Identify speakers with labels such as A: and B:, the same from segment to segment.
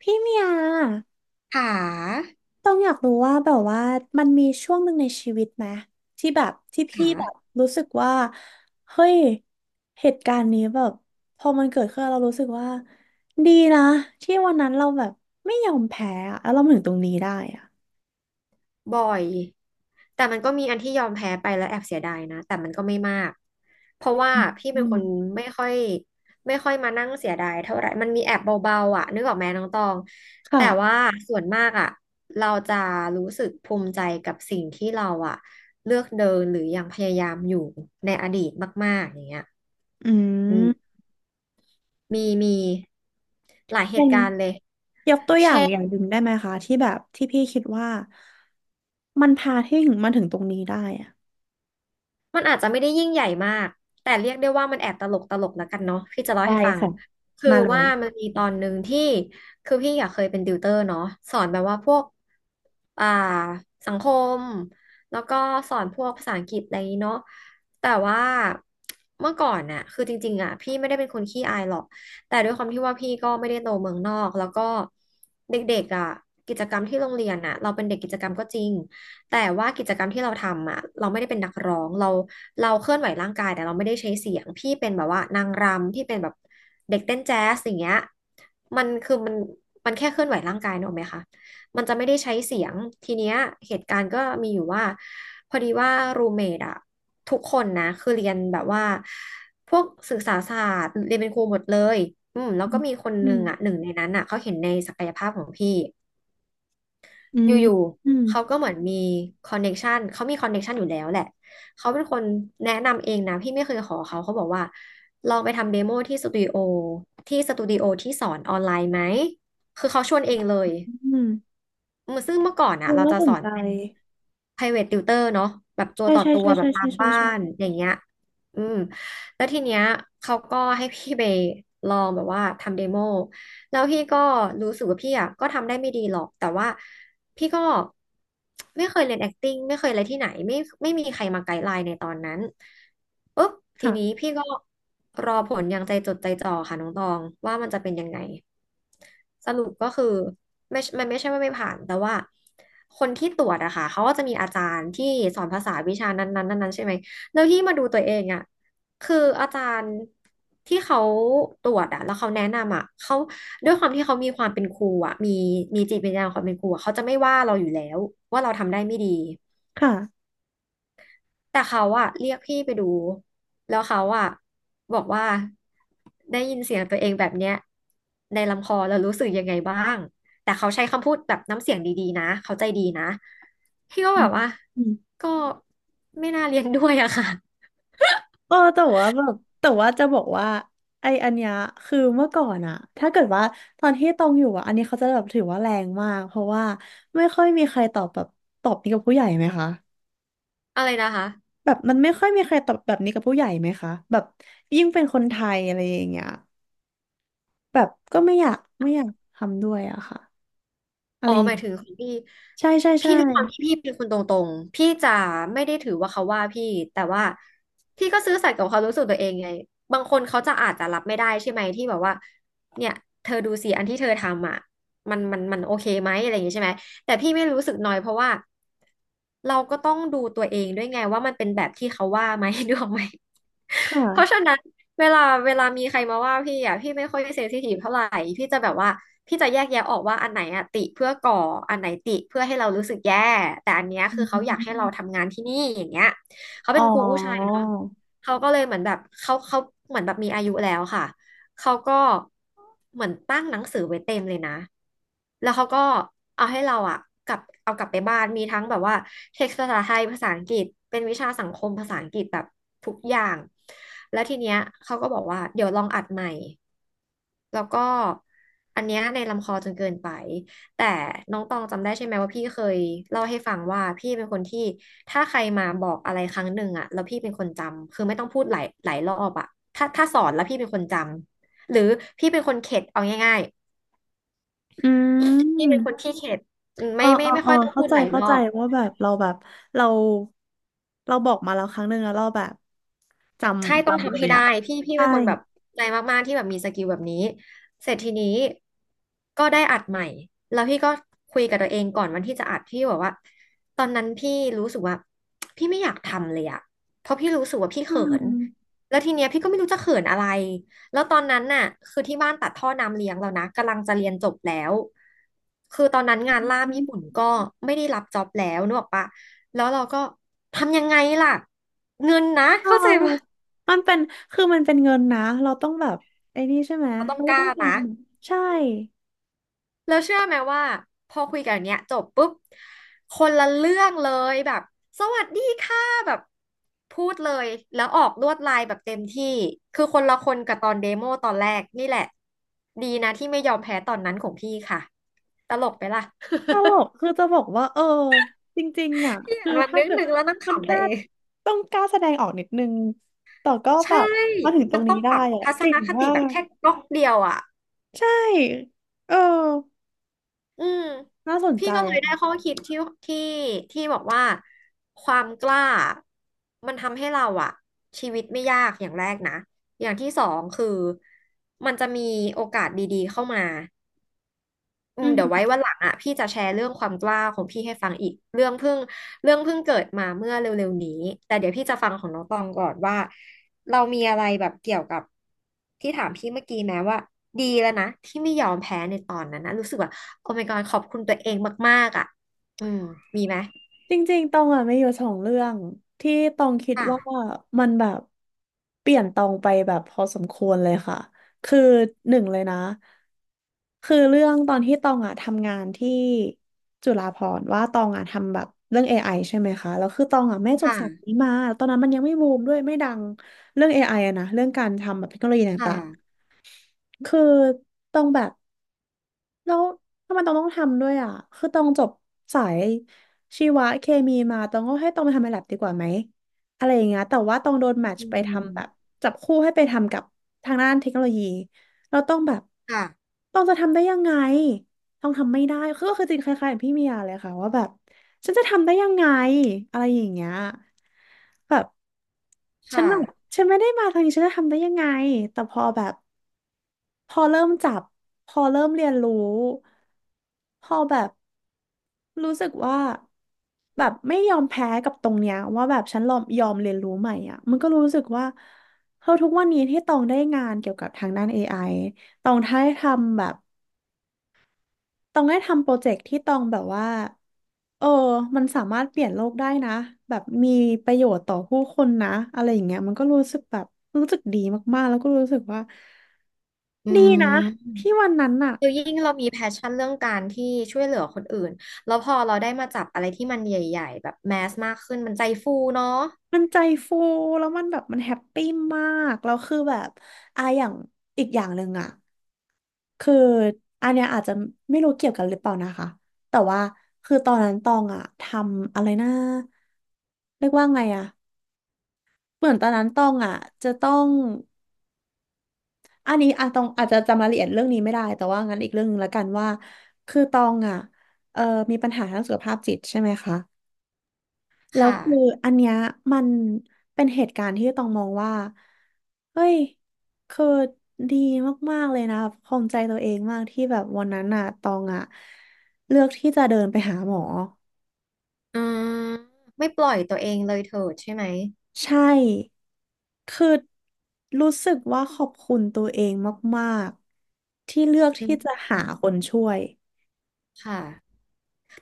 A: พี่เมีย
B: ขา
A: ต้องอยากรู้ว่าแบบว่ามันมีช่วงหนึ่งในชีวิตไหมที่แบบที่พี่แบ
B: ขา
A: บรู้สึกว่าเฮ้ยเหตุการณ์นี้แบบพอมันเกิดขึ้นแล้วเรารู้สึกว่าดีนะที่วันนั้นเราแบบไม่ยอมแพ้อะแล้วเรามาถึงตรงนี้ได้อะ
B: บ่อยแต่มันก็มีอันที่ยอมแพ้ไปแล้วแอบเสียดายนะแต่มันก็ไม่มากเพราะว่า
A: อืม
B: พี่
A: อื
B: เป็นค
A: ม
B: นไม่ค่อยไม่ค่อยมานั่งเสียดายเท่าไหร่มันมีแอบเบาๆอ่ะนึกออกไหมน้องตองแต่
A: ค่ะ
B: ว่าส่วนมากอ่ะเราจะรู้สึกภูมิใจกับสิ่งที่เราอ่ะเลือกเดินหรือยังพยายามอยู่ในอดีตมากๆอย่างเงี้ย
A: อื
B: อืม
A: ม
B: มีหลายเห
A: เป็
B: ตุ
A: น
B: การณ์เลย
A: ยกตัวอย่า
B: เช่
A: งอย่าง
B: น
A: หนึ่งได้ไหมคะที่แบบที่พี่คิดว่ามันพาที่ถึงมาถึงตรงนี้ได้อะ
B: มันอาจจะไม่ได้ยิ่งใหญ่มากแต่เรียกได้ว่ามันแอบตลกตลกแล้วกันเนาะพี่จะเล่า
A: ได้
B: ให้ฟัง
A: ค่ะ
B: คือ
A: มาเลย
B: ว่ามันมีตอนหนึ่งที่คือพี่อยากเคยเป็นติวเตอร์เนาะสอนแบบว่าพวกอ่าสังคมแล้วก็สอนพวกภาษาอังกฤษอะไรอย่างนี้เนาะแต่ว่าเมื่อก่อนน่ะคือจริงๆอ่ะพี่ไม่ได้เป็นคนขี้อายหรอกแต่ด้วยความที่ว่าพี่ก็ไม่ได้โตเมืองนอกแล้วก็เด็กๆอ่ะกิจกรรมที่โรงเรียนอ่ะเราเป็นเด็กกิจกรรมก็จริง แต่ว่ากิจกรรมที่เราทำอ่ะเราไม่ได้เป็นนักร้องเราเคลื่อนไหวร่างกายแต่เราไม่ได้ใช้เสียงพี่เป็นแบบว่านางรำพี่เป็นแบบเด็กเต้นแจ๊สอย่างเงี้ยมันคือมันมันแค่เคลื่อนไหวร่างกายนึกออกไหมคะมันจะไม่ได้ใช้เสียงทีเนี้ยเหตุการณ์ก็มีอยู่ว่าพอดีว่ารูเมดอะทุกคนนะคือเรียนแบบว่าพวกศึกษาศาสตร์เรียนเป็นครูหมดเลยอืมแล้ว
A: อื
B: ก็
A: ม
B: มีคน
A: อื
B: หนึ่
A: ม
B: งอะหนึ่งในนั้นอะเขาเห็นในศักยภาพของพี่
A: อื
B: อ
A: ม
B: ยู่
A: อืม
B: ๆ เขาก็เหมือนมีคอนเน็กชันเขามีคอนเน็กชันอยู่แล้วแหละ เขาเป็นคนแนะนำเองนะ พี่ไม่เคยขอเขา เขาบอกว่าลองไปทำเดโมที่สตูดิโอที่สอนออนไลน์ไหม คือเขาชวนเองเลย
A: อืม
B: อืมซึ่งเมื่อก่อน
A: เอ
B: อะ
A: อ
B: เรา
A: น่า
B: จะ
A: ส
B: ส
A: น
B: อน
A: ใจ
B: เป็น private tutor เนาะแบบตัว
A: ใช่
B: ต่อ
A: ใช่
B: ตัว
A: ใช่
B: แบ
A: ใช่
B: บตา
A: ใช่
B: ม
A: ใช่
B: บ้า
A: ใช่
B: นอย่างเงี้ยอืม แล้วทีเนี้ยเขาก็ให้พี่ไปลองแบบว่าทำเดโมแล้วพี่ก็รู้สึกว่าพี่อ่ะก็ทำได้ไม่ดีหรอก แต่ว่า พี่ก็ไม่เคยเรียน acting ไม่เคยอะไรที่ไหนไม่มีใครมาไกด์ไลน์ในตอนนั้นปุ๊บที
A: ค่ะ
B: นี้พี่ก็รอผลอย่างใจจดใจจ่อค่ะน้องตองว่ามันจะเป็นยังไงสรุปก็คือไม่มันไม่ใช่ว่าไม่ผ่านแต่ว่าคนที่ตรวจอะค่ะเขาก็จะมีอาจารย์ที่สอนภาษาวิชานั้นๆนั้นๆใช่ไหมแล้วที่มาดูตัวเองอะคืออาจารย์ที่เขาตรวจอะแล้วเขาแนะนำอะเขา ด้วยความที่เขามีความเป็นครูอะมีจิตวิญญาณความเป็นครูอะเขาจะไม่ว่าเราอยู่แล้วว่าเราทำได้ไม่ดี
A: ค่ะ
B: แต่เขาอะเรียกพี่ไปดูแล้วเขาอะบอกว่าได้ยินเสียงตัวเองแบบเนี้ยในลำคอแล้วรู้สึกยังไงบ้างแต่เขาใช้คำพูดแบบน้ำเสียงดีๆนะเขาใจดีนะพี่ก็
A: อื
B: แบ
A: ม
B: บว่า
A: อืม
B: ก็ไม่น่าเรียนด้วยอะค่ะ
A: เออแต่ว่าแบบแต่ว่าจะบอกว่าไออันเนี้ยคือเมื่อก่อนอะถ้าเกิดว่าตอนที่ตองอยู่อะอันนี้เขาจะแบบถือว่าแรงมากเพราะว่าไม่ค่อยมีใครตอบแบบตอบนี้กับผู้ใหญ่ไหมคะ
B: อะไรนะคะ
A: แบบมันไม่ค่อยมีใครตอบแบบนี้กับผู้ใหญ่ไหมคะแบบยิ่งเป็นคนไทยอะไรอย่างเงี้ยแบบก็ไม่อยากไม่อยากทำด้วยอะค่ะอะ
B: อ๋
A: ไร
B: อ
A: อ
B: ห
A: ย่าง
B: มายถึงของพี่
A: ใช่ใช่ใช่
B: พี่ด้วยความที่พี่เป็นคนตรงๆพี่จะไม่ได้ถือว่าเขาว่าพี่แต่ว่าพี่ก็ซื่อสัตย์กับความรู้สึกตัวเองไงบางคนเขาจะอาจจะรับไม่ได้ใช่ไหมที่แบบว่าเนี่ยเธอดูสิอันที่เธอทำอ่ะมันโอเคไหมอะไรอย่างงี้ใช่ไหมแต่พี่ไม่รู้สึกน้อยเพราะว่าเราก็ต้องดูตัวเองด้วยไงว่ามันเป็นแบบที่เขาว่าไหม นึกออกไหม
A: ค
B: เพราะฉะ
A: ่ะ
B: นั้นเวลาเวลามีใครมาว่าพี่อ่ะพี่ไม่ค่อยเซนซิทีฟเท่าไหร่พี่จะแบบว่าพี่จะแยกแยะออกว่าอันไหนอ่ะติเพื่อก่ออันไหนติเพื่อให้เรารู้สึกแย่แต่อันเนี้ย
A: อื
B: คือเขาอยากให้เรา
A: ม
B: ทำงานที่นี่อย่างเงี้ยเขา
A: อ๋อ
B: เป็นครูผู้ชายเนาะเขาก็เลยเหมือนแบบเขาเหมือนแบบมีอายุแล้วค่ะ เขาก็เหมือนตั้งหนังสือไว้เต็มเลยนะแล้วเขาก็เอาให้เราอะกลับเอากลับไปบ้านมีทั้งแบบว่าเท็กซ์ภาษาไทยภาษาอังกฤษเป็นวิชาสังคมภาษาอังกฤษแบบทุกอย่างแล้วทีเนี้ยเขาก็บอกว่าเดี๋ยวลองอัดใหม่แล้วก็อันเนี้ยในลำคอจนเกินไปแต่น้องตองจำได้ใช่ไหมว่าพี่เคยเล่าให้ฟังว่าพี่เป็นคนที่ถ้าใครมาบอกอะไรครั้งหนึ่งอะแล้วพี่เป็นคนจำคือไม่ต้องพูดหลายรอบอะถ้าสอนแล้วพี่เป็นคนจำ หรือพี่เป็นคนเข็ดเอาง่าย
A: อื
B: ๆ พี่เป็น
A: ม
B: คนขี้เข็ด
A: เออ
B: ไม่
A: เอ
B: ไม่
A: อ
B: ไม่
A: เออ
B: ค่อยต้อง
A: เข้า
B: พูด
A: ใจ
B: หลายร
A: เข้าใจ
B: อบ
A: ว่าแบบเราแบบเราเราบอกมาแล้วครั้งหนึ่งแล้วเราแบบจ
B: ใช่
A: ำ
B: ต้อง
A: จำเล
B: ทำให้
A: ย
B: ได้
A: อ่ะ
B: พี่
A: ใช่
B: เป็นคนแบบใจมากๆที่แบบมีสกิลแบบนี้เสร็จทีนี้ก็ได้อัดใหม่แล้วพี่ก็คุยกับตัวเองก่อนวันที่จะอัดพี่บอกว่าตอนนั้นพี่รู้สึกว่าพี่ไม่อยากทำเลยอะเพราะพี่รู้สึกว่าพี่
A: อื
B: เขิน
A: ม
B: แล้วทีเนี้ยพี่ก็ไม่รู้จะเขินอะไรแล้วตอนนั้นน่ะคือที่บ้านตัดท่อน้ำเลี้ยงแล้วนะกำลังจะเรียนจบแล้วคือตอนนั้นงานล่ามญี่ปุ่นก็ไม่ได้รับจ็อบแล้วนึกออกปะแล้วเราก็ทำยังไงล่ะเงินนะ
A: เออ
B: เข้าใจปะ
A: มันเป็นคือมันเป็นเงินนะ เราต้องแบบไอ้นี่ใช่ไหม
B: เราต้อง
A: เราก็
B: ก
A: ต้
B: ล้า
A: องท
B: นะ
A: ำใช่
B: แล้วเชื่อไหมว่าพอคุยกันเนี้ยจบปุ๊บคนละเรื่องเลยแบบสวัสดีค่ะแบบพูดเลยแล้วออกลวดลายแบบเต็มที่คือคนละคนกับตอนเดโมตอนแรกนี่แหละดีนะที่ไม่ยอมแพ้ตอนนั้นของพี่ค่ะตลกไปล่ะ
A: ตลกคือจะบอกว่าเออจริงๆอ่ะ
B: พี่
A: คื
B: อ่า
A: อ
B: นวัน
A: ถ้า
B: นึง
A: เกิด
B: นึงแล้วนั่ง
A: มัน
B: ขำ
A: แค่
B: ตัวเอง
A: ต้องกล้าแสดงออกนิดนึงแต่ก็แบ
B: ใช่
A: บมาถึงตร
B: มั
A: ง
B: น
A: นี้
B: ต้องป
A: ได้
B: รับ
A: อ่ะ
B: ทัศ
A: เก่
B: น
A: ง
B: คติ
A: มา
B: แบบ
A: ก
B: แค่ก๊อกเดียวอ่ะ
A: ใช่เออ
B: อืม
A: น่าสน
B: พี่
A: ใจ
B: ก็เลย
A: อะ
B: ได้
A: ค่ะ
B: ข้อคิดที่ที่บอกว่าความกล้ามันทำให้เราอะชีวิตไม่ยากอย่างแรกนะอย่างที่สองคือมันจะมีโอกาสดีๆเข้ามา อืมเดี๋ยวไว้วันหลังอ่ะพี่จะแชร์เรื่องความกล้าของพี่ให้ฟังอีกเรื่องเพิ่งเรื่องเพิ่งเกิดมาเมื่อเร็วๆนี้แต่เดี๋ยวพี่จะฟังของน้องตองก่อนว่าเรามีอะไรแบบเกี่ยวกับที่ถามพี่เมื่อกี้แม้ว่าดีแล้วนะที่ไม่ยอมแพ้ในตอนนั้นนะรู้สึกว่าโอ้ my god ขอบคุณตัวเองมากๆอ่ะอืมมีไหม
A: จริงๆตองอ่ะไม่อยู่สองเรื่องที่ตองคิดว่า
B: ค่ะ
A: มันแบบเปลี่ยนตองไปแบบพอสมควรเลยค่ะคือหนึ่งเลยนะคือเรื่องตอนที่ตองอ่ะทำงานที่จุฬาภรณ์ว่าตองอ่ะทำแบบเรื่อง AI ใช่ไหมคะแล้วคือตองอ่ะไม่จบ
B: ค่ะ
A: สายนี้มาตอนนั้นมันยังไม่บูมด้วยไม่ดังเรื่อง AI อไออะนะเรื่องการทำแบบเทคโนโลยี
B: ค
A: ต่าง
B: ่ะ
A: ๆคือตองแบบ แล้วทำไมต้องทำด้วยอ่ะคือต้องจบสายชีวะเคมีมาต้องก็ให้ต้องไปทำในแลบดีกว่าไหมอะไรอย่างเงี้ยแต่ว่าต้องโดนแมท
B: อื
A: ช์ไปทำแบบ
B: ม
A: จับคู่ให้ไปทำกับทางด้านเทคโนโลยีเราต้องแบบ
B: ค่ะ
A: ต้องจะทำได้ยังไงต้องทำไม่ได้คือก็คือจริงคล้ายๆกับพี่เมียเลยค่ะว่าแบบฉันจะทำได้ยังไงอะไรอย่างเงี้ยแบบฉัน
B: ค่ะ
A: แบบฉันไม่ได้มาทางนี้ฉันจะทำได้ยังไงแต่พอแบบ พอเริ่มจับ พอเริ่มเรียนรู้ พอแบบรู้สึกว่าแบบไม่ยอมแพ้กับตรงเนี้ยว่าแบบฉันยอมเรียนรู้ใหม่อ่ะมันก็รู้สึกว่าเฮ้ยทุกวันนี้ที่ตองได้งานเกี่ยวกับทางด้าน AI ตองได้ทำแบบตองได้ทำโปรเจกต์ที่ตองแบบว่าเออ มันสามารถเปลี่ยนโลกได้นะแบบมีประโยชน์ต่อผู้คนนะอะไรอย่างเงี้ยมันก็รู้สึกแบบรู้สึกดีมากๆแล้วก็รู้สึกว่า
B: อื
A: ดี
B: ม
A: นะที่วันนั้นน่ะ
B: คือยิ่งเรามีแพชชั่นเรื่องการที่ช่วยเหลือคนอื่นแล้วพอเราได้มาจับอะไรที่มันใหญ่ๆแบบแมสมากขึ้นมันใจฟูเนาะ
A: มันใจฟูแล้วมันแบบมันแฮปปี้มากแล้วคือแบบอ่ะอย่างอีกอย่างหนึ่งอ่ะคืออันเนี้ยอาจจะไม่รู้เกี่ยวกันหรือเปล่านะคะแต่ว่าคือตอนนั้นตองอ่ะทำอะไรนะเรียกว่าไงอ่ะเหมือนตอนนั้นตองอ่ะจะต้องอันนี้อ่ะตองอาจจะจำรายละเอียดเรื่องนี้ไม่ได้แต่ว่างั้นอีกเรื่องหนึงละกันว่าคือตองอ่ะเออมีปัญหาทางสุขภาพจิตใช่ไหมคะ
B: ค
A: แล้วคือ
B: ่ะ
A: อันเนี้ยมันเป็นเหตุการณ์ที่ต้องมองว่าเฮ้ยคือดีมากๆเลยนะภูมิใจตัวเองมากที่แบบวันนั้นน่ะตองอ่ะเลือกที่จะเดินไปหาหมอ
B: อืมไม่ปล่อยตัวเองเลยเถิดใช่ไหม
A: ใช่คือรู้สึกว่าขอบคุณตัวเองมากๆที่เลือก
B: อื
A: ที่จะ
B: ม
A: หาคนช่วย
B: ค่ะ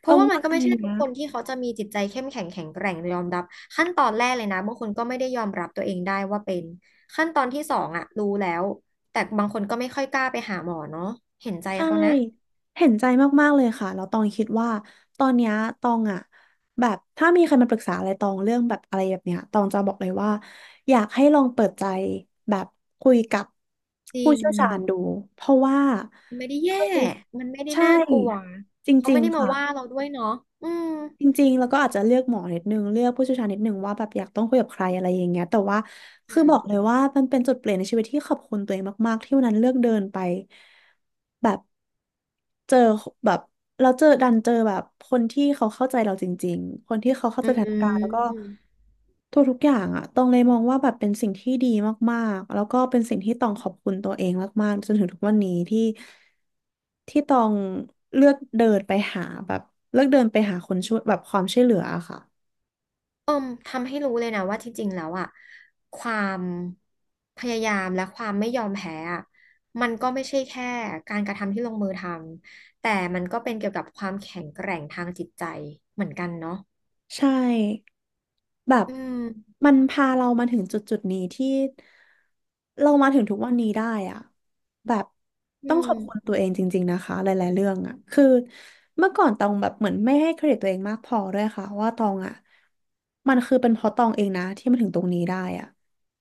B: เพ
A: ตร
B: ราะ
A: ง
B: ว่ามัน
A: ว่า
B: ก็
A: อั
B: ไม่
A: น
B: ใช่
A: เนี้
B: ทุ
A: ย
B: กคนที่เขาจะมีจิตใจเข้มแข็งแข็งแกร่งยอมรับขั้นตอนแรกเลยนะบางคนก็ไม่ได้ยอมรับตัวเองได้ว่าเป็นขั้นตอนที่สองอะรู้แล้วแต่บางคนก็ไม่ค่อยกล้าไปหาหมอเนาะเห็นใจ
A: ใช่
B: เขานะ
A: เห็นใจมากๆเลยค่ะแล้วตองคิดว่าตอนเนี้ยตองอะแบบถ้ามีใครมาปรึกษาอะไรตองเรื่องแบบอะไรแบบเนี้ยตองจะบอกเลยว่าอยากให้ลองเปิดใจแบบคุยกับ
B: จริ
A: ผู้
B: ง
A: เชี่ยวชาญดูเพราะว่า
B: มันไม่ได้แย่
A: คือ
B: มันไม่ได้
A: ใช่
B: น่ากลัว
A: จ
B: เขา
A: ริ
B: ไม่
A: ง
B: ได้
A: ๆ
B: มา
A: ค่ะ
B: ว่าเราด้วยเนาะอืม
A: จริงๆแล้วก็อาจจะเลือกหมอนิดนึงเลือกผู้เชี่ยวชาญนิดนึงว่าแบบอยากต้องคุยกับใครอะไรอย่างเงี้ยแต่ว่า
B: อื
A: คือ
B: ม
A: บอกเลยว่ามันเป็นจุดเปลี่ยนในชีวิตที่ขอบคุณตัวเองมากๆที่วันนั้นเลือกเดินไปแบบเจอแบบเราเจอดันเจอแบบคนที่เขาเข้าใจเราจริงๆคนที่เขาเข้า
B: อื
A: ใจสถานการณ์แล้วก็
B: ม
A: ทุกๆอย่างอะต้องเลยมองว่าแบบเป็นสิ่งที่ดีมากๆแล้วก็เป็นสิ่งที่ต้องขอบคุณตัวเองมากๆจนถึงทุกวันนี้ที่ ที่ตองเลือกเดินไปหาแบบเลือกเดินไปหาคนช่วยแบบความช่วยเหลืออะค่ะ
B: เอิ่มทำให้รู้เลยนะว่าที่จริงแล้วอะความพยายามและความไม่ยอมแพ้อะมันก็ไม่ใช่แค่การกระทำที่ลงมือทำ แต่มันก็เป็นเกี่ยวกับความแข็งแกร่งทางจิตใจเหมือนกันเนาะ
A: ใช่แบบ
B: อืม
A: มันพาเรามาถึงจุดจุดนี้ที่เรามาถึงทุกวันนี้ได้อะแบบ
B: อื
A: ต้อง
B: ม
A: ขอบคุณตัวเองจริงๆนะคะหลายๆเรื่องอะคือเมื่อก่อนตองแบบเหมือนไม่ให้เครดิตตัวเองมากพอด้วยค่ะว่าตองอะมันคือเป็นเพราะตองเองนะที่มาถึงตรงนี้ได้อะ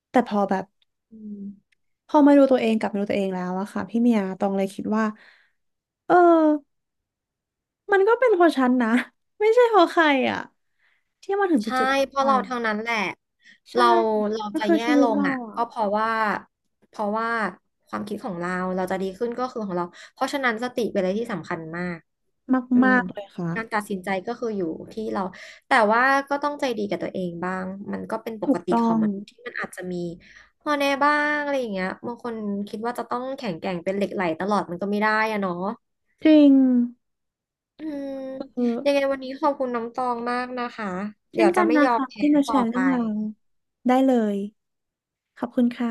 A: แต่พอแบบ
B: อืม
A: พอมาดูตัวเองกลับมาดูตัวเองแล้วอะค่ะพี่เมียตองเลยคิดว่า เออ มันก็เป็นเพราะฉันนะไม่ใช่เพราะใครอ่ะที่มาถึง
B: ใช่
A: จุดๆนี้
B: เพราะ
A: ได้
B: เราเท่านั้นแหละ
A: ใช่
B: เราเรา
A: มัน
B: จะ
A: คือ
B: แย่
A: ชีวิ
B: ล
A: ต
B: ง
A: เรา
B: อ่ะ
A: อ่ะ
B: ก็เพราะว่าเพราะว่าความคิดของเราเราจะดีขึ้นก็คือของเราเพราะฉะนั้นสติเป็นอะไรที่สำคัญมากอื
A: มา
B: ม
A: กๆเลยค่ะ
B: การตัดสินใจก็คืออยู่ที่เราแต่ว่าก็ต้องใจดีกับตัวเองบ้างมันก็เป็นป
A: ถู
B: ก
A: ก
B: ติ
A: ต้
B: ข
A: อ
B: อง
A: ง
B: มนุษย์ที่มันอาจจะมีข้อแน่บ้างอะไรอย่างเงี้ยบางคนคิดว่าจะต้องแข็งแกร่งเป็นเหล็กไหลตลอดมันก็ไม่ได้อะเนาะ
A: จริง
B: อืม
A: เออ
B: ยังไงวันนี้ขอบคุณน้องตองมากนะคะ
A: เช่
B: เดี๋
A: น
B: ยว
A: กั
B: จะ
A: น
B: ไม่
A: นะ
B: ยอม
A: คะ
B: แพ้
A: ที่มาแช
B: ต่อ
A: ร์
B: ไป
A: เรื่องราวได้เลยขอบคุณค่ะ